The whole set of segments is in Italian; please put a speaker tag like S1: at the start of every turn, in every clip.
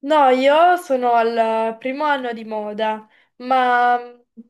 S1: No, io sono al primo anno di moda, ma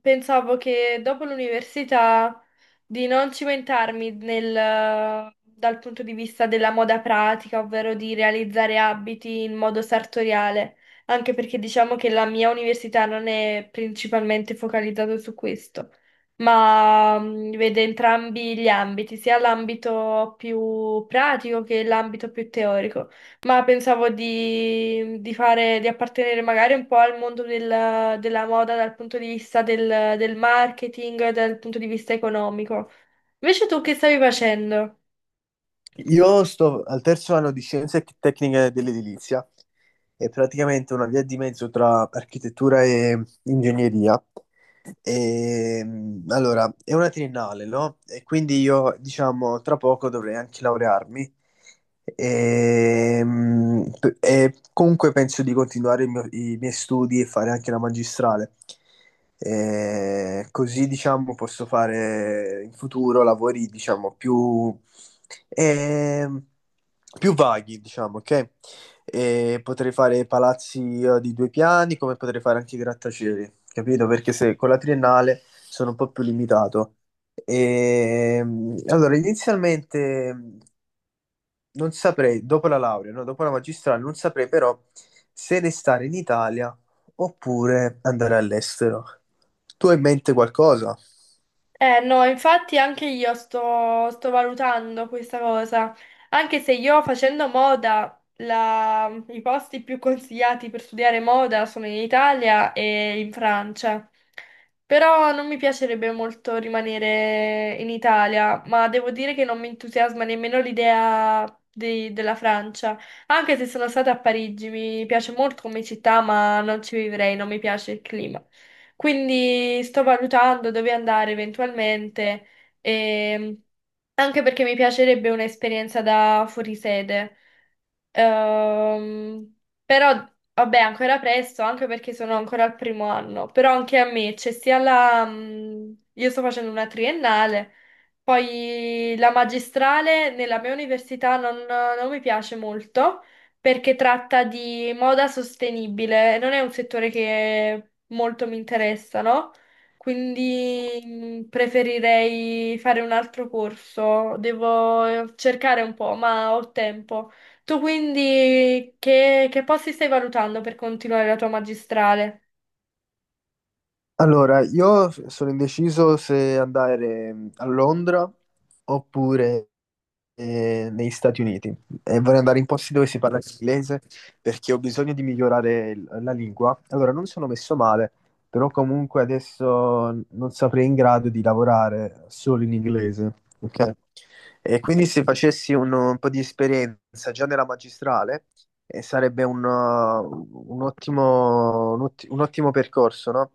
S1: pensavo che dopo l'università di non cimentarmi nel- dal punto di vista della moda pratica, ovvero di realizzare abiti in modo sartoriale, anche perché diciamo che la mia università non è principalmente focalizzata su questo, ma vede entrambi gli ambiti, sia l'ambito più pratico che l'ambito più teorico. Ma pensavo di appartenere magari un po' al mondo del- della moda dal punto di vista del marketing, dal punto di vista economico. Invece tu che stavi facendo?
S2: Io sto al terzo anno di Scienze Tecniche dell'Edilizia, è praticamente una via di mezzo tra architettura e ingegneria. Allora, è una triennale, no? E quindi io, diciamo, tra poco dovrei anche laurearmi. E comunque penso di continuare i miei studi e fare anche la magistrale. E così, diciamo, posso fare in futuro lavori, diciamo, ehm, più vaghi, diciamo, ok? E potrei fare palazzi di due piani, come potrei fare anche i grattacieli, capito? Perché se con la triennale sono un po' più limitato. E, allora, inizialmente non saprei, dopo la laurea, no, dopo la magistrale, non saprei però se restare in Italia oppure andare all'estero. Tu hai in mente qualcosa?
S1: Eh no, infatti anche io sto valutando questa cosa, anche se io facendo moda, la- i posti più consigliati per studiare moda sono in Italia e in Francia, però non mi piacerebbe molto rimanere in Italia, ma devo dire che non mi entusiasma nemmeno l'idea di- della Francia, anche se sono stata a Parigi, mi piace molto come città, ma non ci vivrei, non mi piace il clima. Quindi sto valutando dove andare eventualmente, ehm, anche perché mi piacerebbe un'esperienza da fuorisede. Ehm, però, vabbè, ancora presto, anche perché sono ancora al primo anno. Però anche a me c'è sia la... io sto facendo una triennale, poi la magistrale nella mia università non mi piace molto perché tratta di moda sostenibile e non è un settore che molto mi interessa, no? Quindi preferirei fare un altro corso. Devo cercare un po', ma ho tempo. Tu quindi che posti stai valutando per continuare la tua magistrale?
S2: Allora, io sono indeciso se andare a Londra oppure negli Stati Uniti, e vorrei andare in posti dove si parla inglese perché ho bisogno di migliorare la lingua. Allora, non sono messo male, però comunque adesso non sarei in grado di lavorare solo in inglese, ok? E quindi se facessi un po' di esperienza già nella magistrale, e sarebbe un ottimo, un ottimo percorso, no?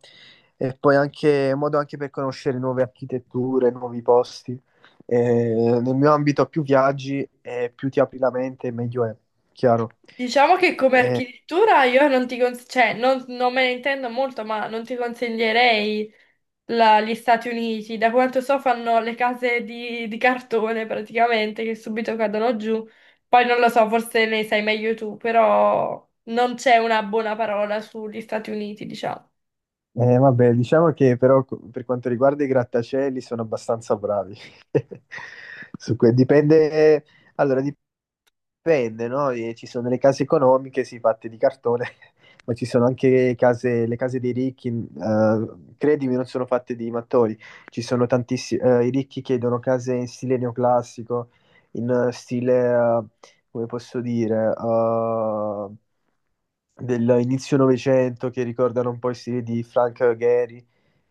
S2: E poi anche modo anche per conoscere nuove architetture, nuovi posti. Nel mio ambito più viaggi e più ti apri la mente, meglio è, chiaro.
S1: Diciamo che come
S2: Eh,
S1: architettura io non ti cons- cioè, non me ne intendo molto, ma non ti consiglierei la- gli Stati Uniti. Da quanto so fanno le case di cartone praticamente che subito cadono giù. Poi non lo so, forse ne sai meglio tu, però non c'è una buona parola sugli Stati Uniti, diciamo.
S2: Vabbè, diciamo che però per quanto riguarda i grattacieli sono abbastanza bravi. Dipende, allora, dipende, no? E ci sono le case economiche, sì, fatte di cartone, ma ci sono anche case, le case dei ricchi, credimi, non sono fatte di mattoni. Ci sono tantissimi, i ricchi chiedono case in stile neoclassico, in stile, come posso dire, dell'inizio Novecento, che ricordano un po' i stili di Frank Gehry.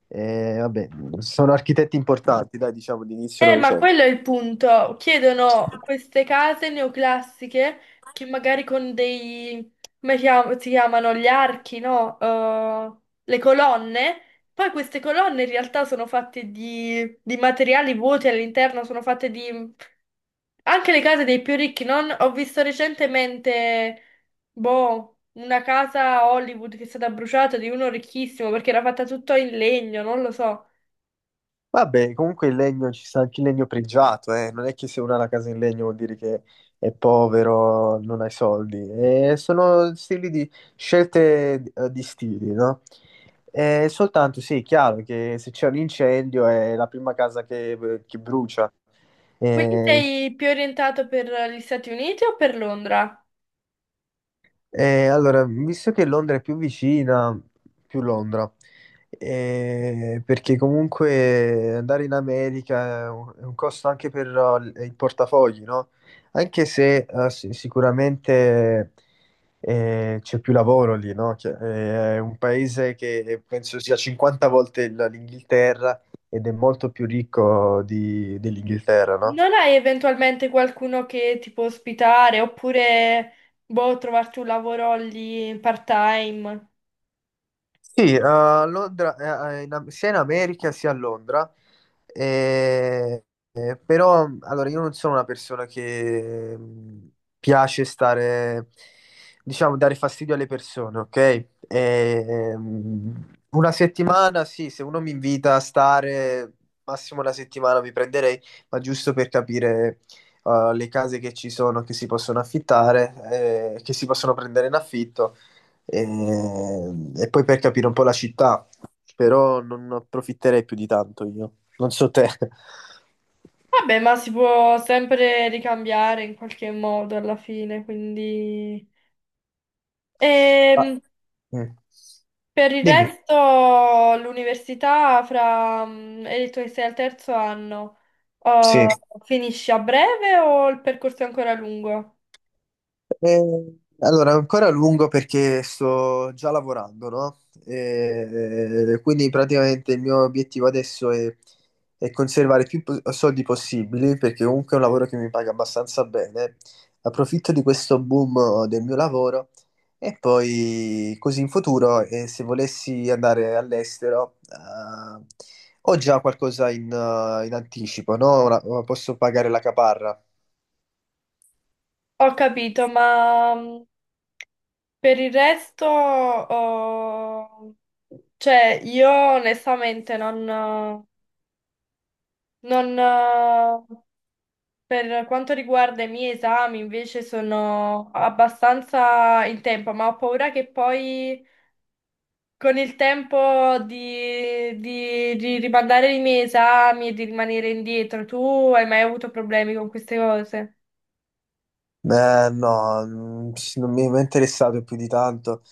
S2: E, vabbè, sono architetti importanti, dai, diciamo, di inizio
S1: Ma
S2: Novecento.
S1: quello è il punto. Chiedono queste case neoclassiche che magari con dei, come chiam- si chiamano, gli archi, no? Le colonne. Poi queste colonne in realtà sono fatte di materiali vuoti all'interno, sono fatte di... Anche le case dei più ricchi, non? Ho visto recentemente, boh, una casa a Hollywood che è stata bruciata di uno ricchissimo perché era fatta tutto in legno, non lo so.
S2: Vabbè, comunque il legno, ci sta anche il legno pregiato, eh. Non è che se uno ha la casa in legno vuol dire che è povero, non hai soldi. Sono stili di scelte, di stili, no? Soltanto sì, è chiaro che se c'è un incendio è la prima casa che brucia.
S1: Quindi
S2: Eh,
S1: sei più orientato per gli Stati Uniti o per Londra?
S2: allora, visto che Londra è più vicina, più Londra, perché comunque andare in America è è un costo anche per il portafogli, no? Anche se sicuramente c'è più lavoro lì, no? È un paese che penso sia 50 volte l'Inghilterra, ed è molto più ricco dell'Inghilterra, no?
S1: Non hai eventualmente qualcuno che ti può ospitare oppure, boh, trovarti un lavoro lì part-time?
S2: Sì, a Londra, in sia in America sia a Londra. Eh, Però allora io non sono una persona che piace stare, diciamo, dare fastidio alle persone, ok? Una settimana, sì, se uno mi invita a stare, massimo una settimana mi prenderei, ma giusto per capire le case che ci sono, che si possono affittare, che si possono prendere in affitto, e, e poi per capire un po' la città, però non approfitterei più di tanto io. Non so te.
S1: Vabbè, ma si può sempre ricambiare in qualche modo alla fine, quindi...
S2: Ma-
S1: Ehm,
S2: mm.
S1: per il
S2: Dimmi,
S1: resto, l'università fra... hai detto che sei al terzo anno,
S2: sì.
S1: oh, finisci a breve o il percorso è ancora lungo?
S2: Eh, allora, ancora a lungo perché sto già lavorando, no? Quindi praticamente il mio obiettivo adesso è conservare soldi possibili perché comunque è un lavoro che mi paga abbastanza bene. Approfitto di questo boom del mio lavoro, e poi così in futuro, se volessi andare all'estero, ho già qualcosa in, in anticipo, no? Ora posso pagare la caparra.
S1: Ho capito, ma... per il resto, oh, cioè, io onestamente non, non, per quanto riguarda i miei esami, invece sono abbastanza in tempo, ma ho paura che poi con il tempo di rimandare i miei esami e di rimanere indietro, tu hai mai avuto problemi con queste cose?
S2: Beh, no, mm, sì, non mi è mai interessato più di tanto,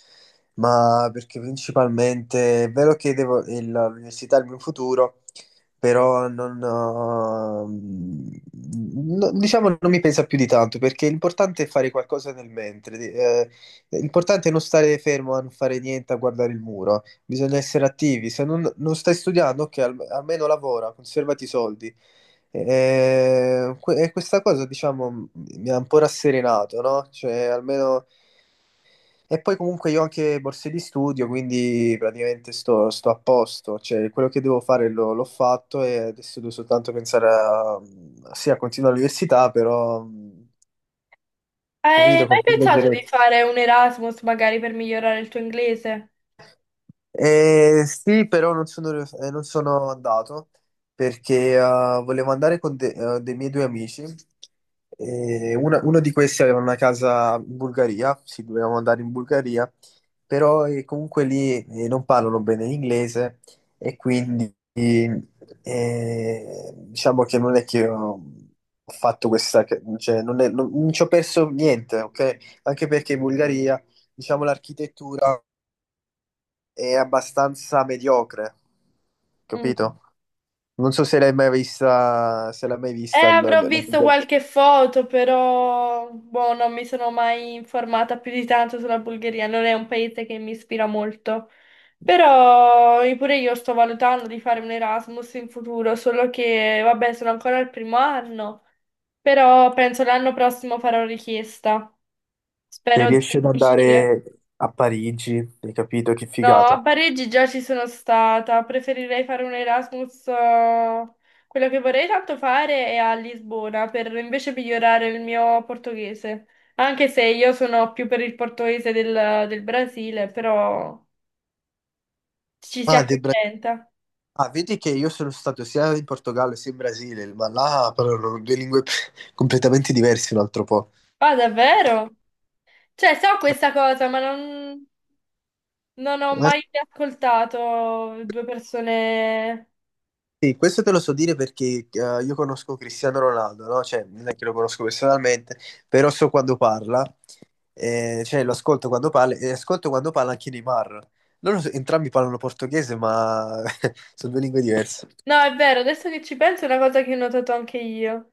S2: ma perché principalmente è vero che devo, l'università è il mio futuro, però non, mm, no- diciamo non mi pensa più di tanto, perché l'importante è fare qualcosa nel mentre, l'importante è non stare fermo a non fare niente, a guardare il muro, bisogna essere attivi, se non, non stai studiando, ok, almeno lavora, conservati i soldi. E questa cosa, diciamo, mi ha un po' rasserenato, no? Cioè, almeno... E poi comunque io ho anche borse di studio, quindi praticamente sto a posto. Cioè, quello che devo fare l'ho fatto e adesso devo soltanto pensare a... Sì, a continuare l'università, però... mh.
S1: Hai
S2: Capito?
S1: mai
S2: Con più
S1: pensato di
S2: leggerezza.
S1: fare un Erasmus magari per migliorare il tuo inglese?
S2: Sì, però non sono andato perché volevo andare con dei miei due amici. E uno di questi aveva una casa in Bulgaria, sì, dovevamo andare in Bulgaria, però comunque lì non parlano bene l'inglese, e quindi diciamo che non è che ho fatto questa, cioè non è- non- non ci ho perso niente, ok? Anche perché in Bulgaria, diciamo, l'architettura è abbastanza mediocre, capito? Non so se l'hai mai vista, se l'hai mai vista,
S1: Avrò visto
S2: la-
S1: qualche foto, però boh, non mi sono mai informata più di tanto sulla Bulgaria, non è un paese che mi ispira molto. Però pure io sto valutando di fare un Erasmus in futuro, solo che vabbè, sono ancora al primo anno, però penso l'anno prossimo farò richiesta.
S2: se
S1: Spero di
S2: riesci ad
S1: riuscire.
S2: andare a Parigi, hai capito? Che
S1: No, a
S2: figata.
S1: Parigi già ci sono stata, preferirei fare un Erasmus. Quello che vorrei tanto fare è a Lisbona per invece migliorare il mio portoghese, anche se io sono più per il portoghese del Brasile, però ci si
S2: Ah, del Bra-
S1: accontenta.
S2: ah, vedi che io sono stato sia in Portogallo sia in Brasile, ma là parlano due lingue completamente diverse un altro po'.
S1: Ah, davvero? Cioè, so questa cosa, ma non, non ho
S2: Eh,
S1: mai ascoltato due persone...
S2: sì, questo te lo so dire perché io conosco Cristiano Ronaldo, no? Cioè, non è che lo conosco personalmente, però so quando parla. E, cioè, lo ascolto quando parla, e ascolto quando parla anche Neymar. Entrambi parlano portoghese, ma sono due lingue diverse.
S1: No, è vero, adesso che ci penso è una cosa che ho notato anche io.